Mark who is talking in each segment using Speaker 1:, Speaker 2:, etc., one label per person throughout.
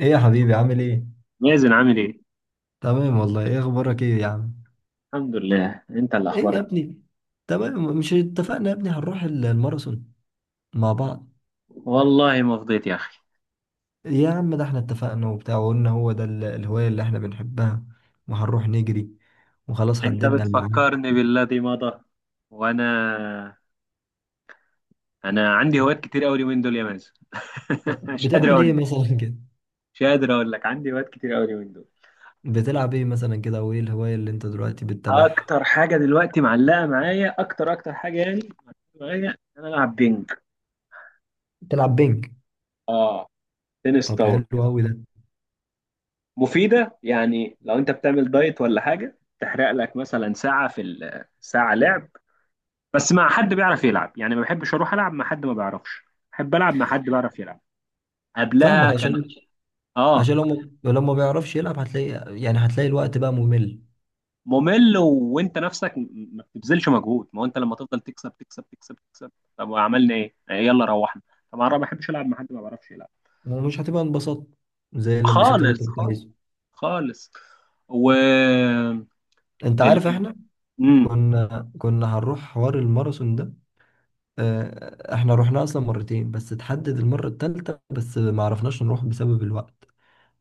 Speaker 1: ايه يا حبيبي عامل ايه؟
Speaker 2: مازن، عامل ايه؟
Speaker 1: تمام والله، ايه اخبارك؟ ايه يا عم؟
Speaker 2: الحمد لله، انت اللي
Speaker 1: ايه يا
Speaker 2: اخبارك.
Speaker 1: ابني؟ تمام، مش اتفقنا يا ابني هنروح الماراثون مع بعض؟
Speaker 2: والله ما فضيت يا اخي.
Speaker 1: يا عم ده احنا اتفقنا وبتاع، وقلنا هو ده الهواية اللي احنا بنحبها، وهنروح نجري، وخلاص
Speaker 2: انت
Speaker 1: حددنا الميعاد.
Speaker 2: بتفكرني بالذي مضى. وانا عندي هوايات كتير قوي اليومين دول يا مازن. مش قادر
Speaker 1: بتعمل
Speaker 2: اقول
Speaker 1: ايه
Speaker 2: لك.
Speaker 1: مثلا كده؟
Speaker 2: مش قادر اقول لك، عندي هوايات كتير قوي اليومين دول.
Speaker 1: بتلعب ايه مثلا كده، وايه الهواية اللي انت دلوقتي بتتابعها؟
Speaker 2: اكتر حاجه دلوقتي معلقه معايا، اكتر حاجه يعني، معلقة معايا إن انا العب بينج.
Speaker 1: بتلعب بينج؟
Speaker 2: اه، تنس
Speaker 1: طب
Speaker 2: طاوله.
Speaker 1: حلو قوي ده.
Speaker 2: مفيده يعني، لو انت بتعمل دايت ولا حاجه تحرق لك مثلا ساعه، ساعه لعب. بس مع حد بيعرف يلعب يعني، ما بحبش اروح العب مع حد ما بيعرفش، بحب العب مع حد بيعرف يلعب.
Speaker 1: فاهمك.
Speaker 2: قبلها كان.
Speaker 1: عشان
Speaker 2: اه.
Speaker 1: عشان لو، ما بيعرفش يلعب هتلاقي الوقت بقى ممل،
Speaker 2: ممل، وانت نفسك ما بتبذلش مجهود، ما هو انت لما تفضل تكسب تكسب تكسب تكسب، طب وعملنا ايه. يلا روحنا. طبعا انا ما بحبش العب مع حد ما بيعرفش يلعب.
Speaker 1: ومش هتبقى انبساط زي الانبساط اللي انت
Speaker 2: خالص
Speaker 1: كنت
Speaker 2: خالص.
Speaker 1: عايزه.
Speaker 2: خالص. و
Speaker 1: انت
Speaker 2: ال...
Speaker 1: عارف
Speaker 2: ال...
Speaker 1: احنا
Speaker 2: مم.
Speaker 1: كنا هنروح حوار الماراثون ده. اه، احنا رحنا اصلا مرتين، بس اتحدد المرة التالتة بس ما عرفناش نروح بسبب الوقت.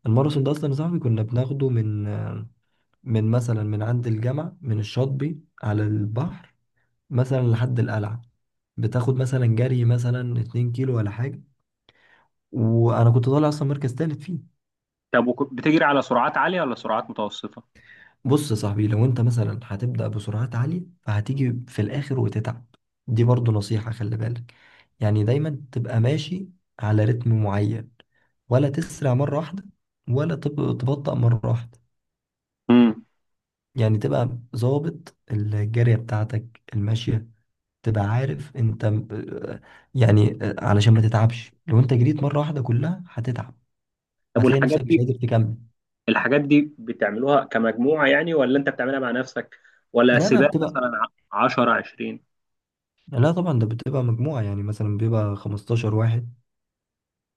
Speaker 1: الماراثون ده اصلا يا صاحبي كنا بناخده من مثلا عند الجامعة، من الشاطبي على البحر، مثلا لحد القلعة. بتاخد مثلا جري مثلا 2 كيلو ولا حاجة، وانا كنت طالع اصلا مركز تالت فيه.
Speaker 2: طب بتجري على سرعات عالية ولا سرعات متوسطة؟
Speaker 1: بص يا صاحبي، لو انت مثلا هتبدأ بسرعات عالية فهتيجي في الآخر وتتعب. دي برضو نصيحة، خلي بالك. يعني دايما تبقى ماشي على رتم معين، ولا تسرع مرة واحدة، ولا تبطأ مرة واحدة.
Speaker 2: امم.
Speaker 1: يعني تبقى ظابط الجارية بتاعتك الماشية، تبقى عارف انت، يعني، علشان ما تتعبش. لو انت جريت مرة واحدة كلها هتتعب،
Speaker 2: طب
Speaker 1: وهتلاقي
Speaker 2: والحاجات
Speaker 1: نفسك مش
Speaker 2: دي،
Speaker 1: قادر تكمل.
Speaker 2: الحاجات دي بتعملوها كمجموعة يعني ولا انت بتعملها مع نفسك، ولا
Speaker 1: لا لا،
Speaker 2: سباق مثلا؟ 10، 20.
Speaker 1: لا طبعا ده بتبقى مجموعة، يعني مثلا بيبقى 15 واحد.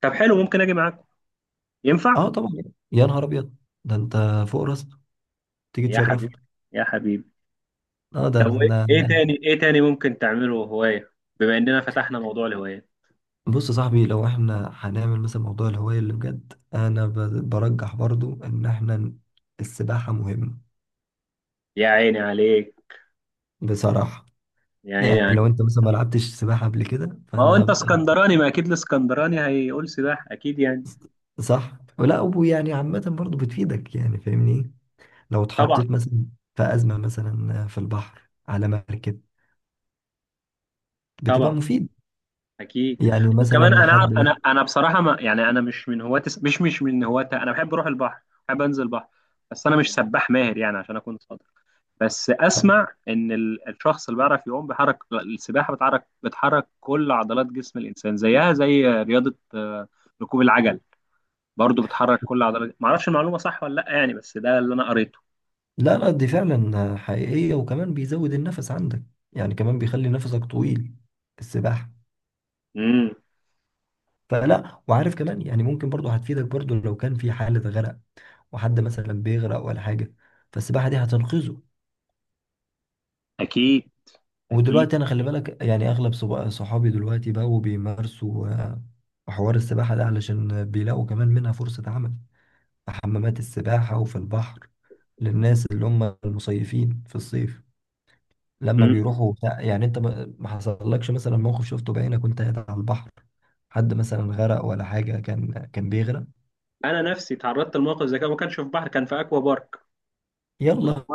Speaker 2: طب حلو، ممكن اجي معاكم؟ ينفع؟
Speaker 1: اه طبعا، يا نهار ابيض، ده انت فوق راسك تيجي
Speaker 2: يا
Speaker 1: تشرفنا.
Speaker 2: حبيبي يا حبيبي.
Speaker 1: اه ده
Speaker 2: طب
Speaker 1: احنا
Speaker 2: ايه
Speaker 1: يعني.
Speaker 2: تاني، ممكن تعمله هواية؟ بما اننا فتحنا موضوع الهواية.
Speaker 1: بص يا صاحبي، لو احنا هنعمل مثلا موضوع الهواية اللي بجد، انا برجح برضو ان السباحة مهمة.
Speaker 2: يا عيني عليك،
Speaker 1: بصراحة
Speaker 2: يا عيني
Speaker 1: يعني،
Speaker 2: عليك.
Speaker 1: لو انت مثلا ما لعبتش سباحة قبل كده
Speaker 2: ما هو
Speaker 1: فانا
Speaker 2: انت اسكندراني، ما اكيد الاسكندراني هيقول سباحة اكيد يعني.
Speaker 1: صح؟ ولا ويعني عامة برضو بتفيدك، يعني فاهمني. لو
Speaker 2: طبعا.
Speaker 1: اتحطيت مثلا في أزمة مثلا في البحر على مركب، بتبقى
Speaker 2: طبعا.
Speaker 1: مفيد.
Speaker 2: اكيد.
Speaker 1: يعني
Speaker 2: وكمان
Speaker 1: مثلا
Speaker 2: انا عار-
Speaker 1: حد،
Speaker 2: انا انا بصراحه، ما يعني انا مش من هواة الس- مش مش من هواة. انا بحب اروح البحر، بحب انزل البحر. بس انا مش سباح ماهر يعني عشان اكون صادق. بس اسمع ان الشخص اللي بيعرف يعوم بيحرك السباحه، بتحرك كل عضلات جسم الانسان، زيها زي رياضه. ركوب العجل برضو بتحرك كل عضلات. ما اعرفش المعلومه صح ولا لا يعني، بس ده اللي انا قريته.
Speaker 1: لا لا دي فعلا حقيقية، وكمان بيزود النفس عندك، يعني كمان بيخلي نفسك طويل السباحة.
Speaker 2: امم.
Speaker 1: فلا، وعارف كمان، يعني ممكن برضو هتفيدك برضو لو كان في حالة غرق، وحد مثلا بيغرق ولا حاجة، فالسباحة دي هتنقذه.
Speaker 2: اكيد. اكيد.
Speaker 1: ودلوقتي أنا خلي بالك، يعني أغلب صحابي دلوقتي بقوا بيمارسوا حوار السباحة ده علشان بيلاقوا كمان منها فرصة عمل، في حمامات السباحة وفي البحر، للناس اللي هم المصيفين في الصيف، لما
Speaker 2: امم.
Speaker 1: بيروحوا بتاع. يعني انت ما حصلكش مثلا موقف شفته بعينك وانت قاعد على البحر، حد مثلا غرق ولا حاجة، كان بيغرق؟
Speaker 2: انا نفسي تعرضت لموقف زي كده. ما كانش في بحر، كان في اكوا بارك.
Speaker 1: يلا.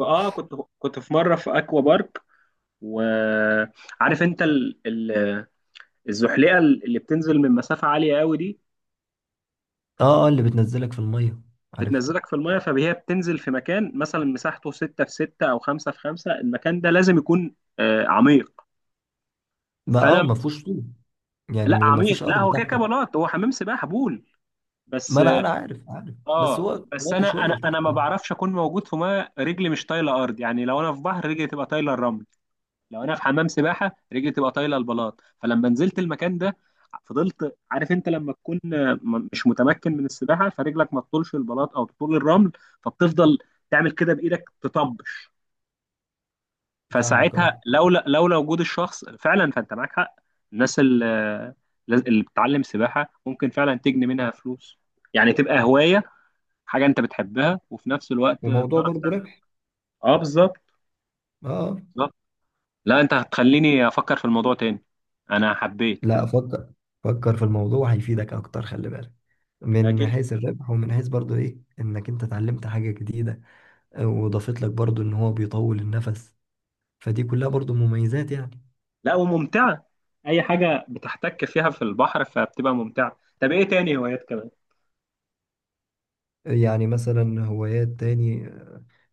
Speaker 2: اه، كنت، كنت في مره في اكوا بارك. وعارف انت الزحليقه اللي بتنزل من مسافه عاليه قوي دي،
Speaker 1: اه، اللي بتنزلك في المية، عارف.
Speaker 2: بتنزلك في الميه، فهي بتنزل في مكان مثلا مساحته 6 في 6 او 5 في 5. المكان ده لازم يكون عميق.
Speaker 1: ما اه
Speaker 2: فانا،
Speaker 1: ما فيهوش طوب، يعني
Speaker 2: لا
Speaker 1: ما
Speaker 2: عميق،
Speaker 1: فيش
Speaker 2: لا
Speaker 1: ارض
Speaker 2: هو كده كده
Speaker 1: تحتك.
Speaker 2: بلاط، هو حمام سباحه، بول
Speaker 1: ما
Speaker 2: بس.
Speaker 1: انا عارف، بس
Speaker 2: اه،
Speaker 1: هو
Speaker 2: بس
Speaker 1: وقت
Speaker 2: انا
Speaker 1: شوية
Speaker 2: انا انا
Speaker 1: لتحت
Speaker 2: ما
Speaker 1: يعني.
Speaker 2: بعرفش اكون موجود في ميه رجلي مش طايله ارض، يعني لو انا في بحر رجلي تبقى طايله الرمل، لو انا في حمام سباحه رجلي تبقى طايله البلاط. فلما نزلت المكان ده فضلت، عارف انت لما تكون مش متمكن من السباحه فرجلك ما تطولش البلاط او تطول الرمل، فبتفضل تعمل كده بايدك، تطبش.
Speaker 1: فاهمك، اه.
Speaker 2: فساعتها، لولا وجود الشخص فعلا، فانت معاك حق. الناس اللي، اللي بتتعلم سباحه ممكن فعلا تجني منها فلوس، يعني تبقى هوايه، حاجه انت بتحبها وفي نفس الوقت
Speaker 1: وموضوع
Speaker 2: بتعرف
Speaker 1: برضه
Speaker 2: تعمل.
Speaker 1: ربح.
Speaker 2: اه، بالظبط.
Speaker 1: اه. آه.
Speaker 2: بالظبط. لا، انت هتخليني افكر في الموضوع تاني. انا حبيت.
Speaker 1: لا فكر، فكر في الموضوع هيفيدك اكتر، خلي بالك،
Speaker 2: لا،
Speaker 1: من
Speaker 2: جدا.
Speaker 1: حيث الربح ومن حيث برضو ايه، انك انت اتعلمت حاجة جديدة، وضافت لك برضو ان هو بيطول النفس، فدي كلها برضو مميزات يعني.
Speaker 2: لا، وممتعة. أي حاجة بتحتك فيها في البحر فبتبقى ممتعة. طب إيه تاني هوايات كمان؟
Speaker 1: يعني مثلا هوايات تاني،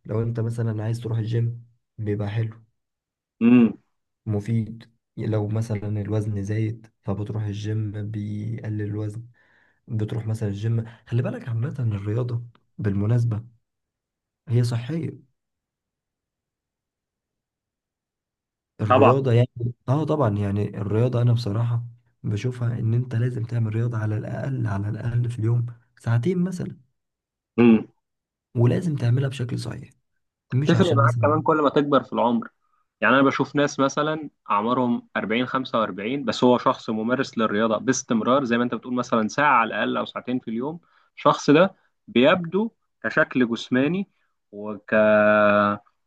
Speaker 1: لو انت مثلا عايز تروح الجيم بيبقى حلو،
Speaker 2: امم.
Speaker 1: مفيد. لو مثلا الوزن زايد فبتروح الجيم بيقلل الوزن. بتروح مثلا الجيم، خلي بالك عامة الرياضة بالمناسبة هي صحية،
Speaker 2: طبعا.
Speaker 1: الرياضة يعني. اه طبعا، يعني الرياضة انا بصراحة بشوفها ان انت لازم تعمل رياضة على الاقل، على الاقل في اليوم ساعتين مثلا.
Speaker 2: امم.
Speaker 1: ولازم تعملها بشكل صحيح، مش
Speaker 2: تفرق
Speaker 1: عشان
Speaker 2: معاك
Speaker 1: مثلا.
Speaker 2: كمان كل ما تكبر في العمر، يعني أنا بشوف ناس مثلا أعمارهم 40، 45، بس هو شخص ممارس للرياضة باستمرار زي ما أنت بتقول، مثلا ساعة على الأقل أو ساعتين في اليوم. الشخص ده بيبدو كشكل جسماني، وك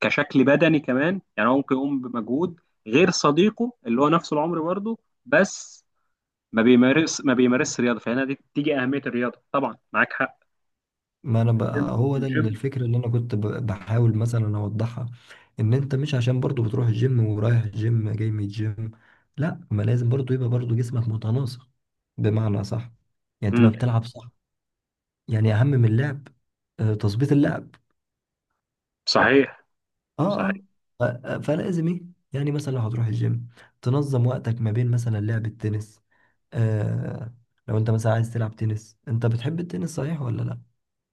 Speaker 2: كشكل بدني كمان، يعني هو ممكن يقوم بمجهود غير صديقه اللي هو نفس العمر برضه، بس ما بيمارسش رياضه، فهنا دي تيجي اهميه الرياضه. طبعا معاك حق.
Speaker 1: ما انا
Speaker 2: الجيم
Speaker 1: بقى هو ده ال-
Speaker 2: الجيم.
Speaker 1: الفكره اللي انا كنت بحاول مثلا اوضحها، ان انت مش عشان برضو بتروح الجيم، ورايح الجيم، جاي من الجيم، لا. ما لازم برضو يبقى برضو جسمك متناسق بمعنى صح، يعني
Speaker 2: امم.
Speaker 1: تبقى بتلعب صح، يعني اهم من اللعب تظبيط اللعب.
Speaker 2: صحيح.
Speaker 1: اه اه،
Speaker 2: صحيح.
Speaker 1: فلازم ايه، يعني مثلا لو هتروح الجيم تنظم وقتك ما بين مثلا لعب التنس. آه لو انت مثلا عايز تلعب تنس، انت بتحب التنس صحيح ولا لا؟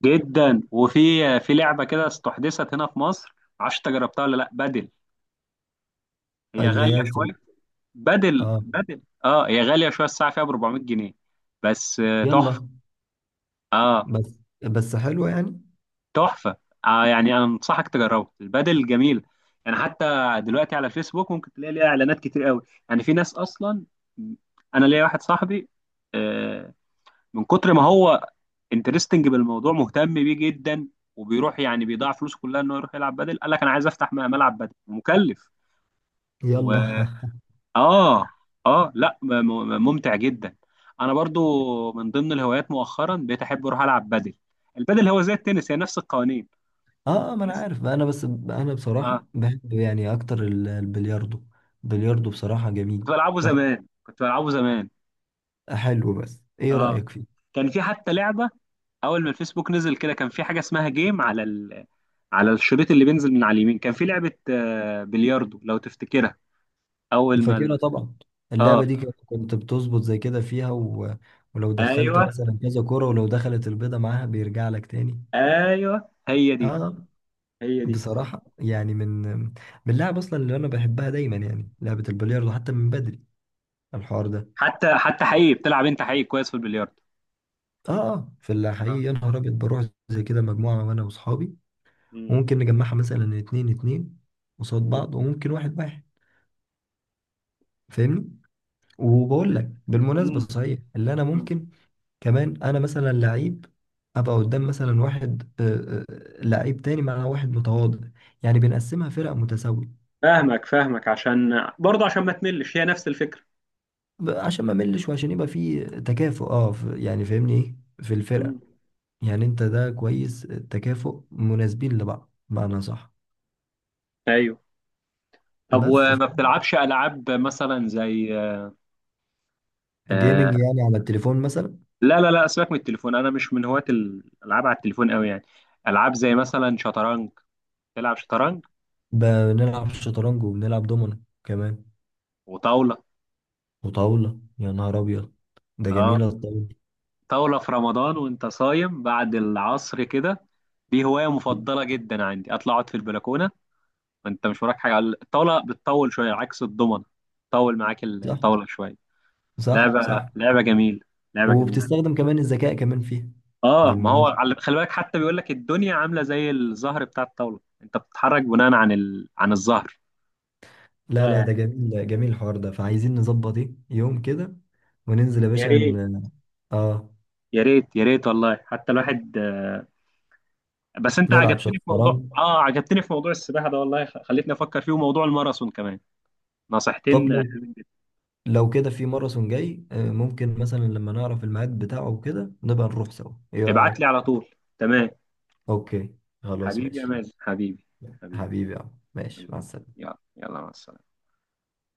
Speaker 2: جدا. وفي، في لعبه كده استحدثت هنا في مصر، معرفش انت جربتها ولا لا، بدل. هي
Speaker 1: اللي
Speaker 2: غاليه
Speaker 1: هي في
Speaker 2: شويه. بدل
Speaker 1: اه
Speaker 2: بدل اه، هي غاليه شويه، الساعه فيها ب 400 جنيه. بس، تحفه.
Speaker 1: يلا،
Speaker 2: اه،
Speaker 1: بس حلوة يعني.
Speaker 2: تحفه. يعني انا انصحك تجربها، البدل جميل. يعني حتى دلوقتي على فيسبوك ممكن تلاقي ليها اعلانات كتير قوي. يعني في ناس اصلا، انا ليا واحد صاحبي، آه، من كتر ما هو انترستنج بالموضوع، مهتم بيه جدا، وبيروح يعني بيضيع فلوسه كلها انه يروح يلعب بدل. قال لك انا عايز افتح ملعب بدل، مكلف.
Speaker 1: يلا
Speaker 2: و اه. اه، لا، ممتع جدا. انا برضو من ضمن الهوايات مؤخرا بقيت احب اروح العب بدل. البدل هو زي التنس، هي نفس القوانين.
Speaker 1: اه، ما انا
Speaker 2: بس.
Speaker 1: عارف، انا بس انا
Speaker 2: اه،
Speaker 1: بصراحة بحب يعني اكتر البلياردو. البلياردو بصراحة
Speaker 2: كنت
Speaker 1: جميل،
Speaker 2: بلعبه
Speaker 1: تحفة.
Speaker 2: زمان، كنت بلعبه زمان.
Speaker 1: حلو، بس ايه
Speaker 2: اه،
Speaker 1: رأيك فيه؟
Speaker 2: كان في حتى لعبه، اول ما الفيسبوك نزل كده كان في حاجه اسمها جيم على على الشريط اللي بينزل من على اليمين، كان في لعبه بلياردو، لو تفتكرها. اول ما
Speaker 1: فاكرها
Speaker 2: ال-
Speaker 1: طبعا.
Speaker 2: اه،
Speaker 1: اللعبة دي كنت بتظبط زي كده فيها، و... ولو دخلت
Speaker 2: ايوه،
Speaker 1: مثلا كذا كرة، ولو دخلت البيضة معاها بيرجع لك تاني.
Speaker 2: ايوه، هي
Speaker 1: اه،
Speaker 2: دي، هي دي.
Speaker 1: بصراحة يعني من اللعب اصلا اللي انا بحبها دايما يعني لعبة البلياردو، حتى من بدري الحوار ده.
Speaker 2: حتى حقيقي، بتلعب انت حقيقي كويس في البلياردو.
Speaker 1: اه اه، في
Speaker 2: آه.
Speaker 1: الحقيقة يا نهار ابيض بروح زي كده مجموعة، وانا واصحابي،
Speaker 2: مم.
Speaker 1: وممكن نجمعها مثلا اتنين اتنين قصاد
Speaker 2: مم.
Speaker 1: بعض، وممكن واحد واحد، فاهمني. وبقول لك بالمناسبة
Speaker 2: مم.
Speaker 1: صحيح، اللي انا
Speaker 2: مم.
Speaker 1: ممكن كمان انا مثلا لعيب ابقى قدام مثلا واحد لعيب تاني، مع واحد متواضع، يعني بنقسمها فرق متساوية،
Speaker 2: فاهمك، فاهمك، عشان برضه، عشان ما تملش، هي نفس الفكرة.
Speaker 1: عشان ما ملش، وعشان يبقى في تكافؤ. اه، يعني فاهمني ايه في الفرق،
Speaker 2: مم.
Speaker 1: يعني انت ده كويس التكافؤ، مناسبين لبعض بمعنى صح.
Speaker 2: ايوه. طب
Speaker 1: بس
Speaker 2: وما بتلعبش العاب مثلا زي، آه...
Speaker 1: جيمنج يعني على التليفون مثلا؟
Speaker 2: لا لا لا، سيبك من التليفون، انا مش من هواة الالعاب على التليفون قوي يعني. العاب زي مثلا شطرنج، تلعب شطرنج،
Speaker 1: بنلعب شطرنج، وبنلعب دومينو كمان،
Speaker 2: وطاولة.
Speaker 1: وطاولة. يا نهار أبيض، ده
Speaker 2: اه،
Speaker 1: جميلة الطاولة
Speaker 2: طاولة في رمضان وانت صايم بعد العصر كده، دي هواية
Speaker 1: دي.
Speaker 2: مفضلة جدا عندي، اطلع اقعد في البلكونة وانت مش وراك حاجة، على الطاولة بتطول شوية عكس الضمنة، طول معاك
Speaker 1: صح،
Speaker 2: الطاولة شوية.
Speaker 1: صح، صح.
Speaker 2: لعبة جميلة، لعبة جميلة.
Speaker 1: وبتستخدم كمان الذكاء كمان فيها
Speaker 2: اه، ما هو
Speaker 1: بالمناسبة.
Speaker 2: على، خلي بالك، حتى بيقول لك الدنيا عاملة زي الزهر بتاع الطاولة، انت بتتحرك بناء عن عن الزهر.
Speaker 1: لا لا،
Speaker 2: يا
Speaker 1: ده جميل، جميل الحوار ده، فعايزين نظبط ايه يوم كده وننزل يا
Speaker 2: يا
Speaker 1: باشا.
Speaker 2: ريت،
Speaker 1: اه،
Speaker 2: يا ريت، يا ريت والله، حتى الواحد، بس انت
Speaker 1: نلعب
Speaker 2: عجبتني في موضوع،
Speaker 1: شطرنج.
Speaker 2: عجبتني في موضوع السباحة ده والله، خلتني افكر فيه، وموضوع الماراثون كمان.
Speaker 1: طب
Speaker 2: نصيحتين،
Speaker 1: لو كده في ماراثون جاي ممكن مثلا لما نعرف الميعاد بتاعه وكده نبقى نروح سوا، ايه
Speaker 2: ابعت لي
Speaker 1: رأيك؟
Speaker 2: على طول. تمام.
Speaker 1: اوكي، خلاص
Speaker 2: حبيبي يا
Speaker 1: ماشي.
Speaker 2: مازن، حبيبي، حبيبي.
Speaker 1: حبيبي يا عم، ماشي،
Speaker 2: حبيبي.
Speaker 1: مع السلامة.
Speaker 2: يلا يلا، مع السلامة.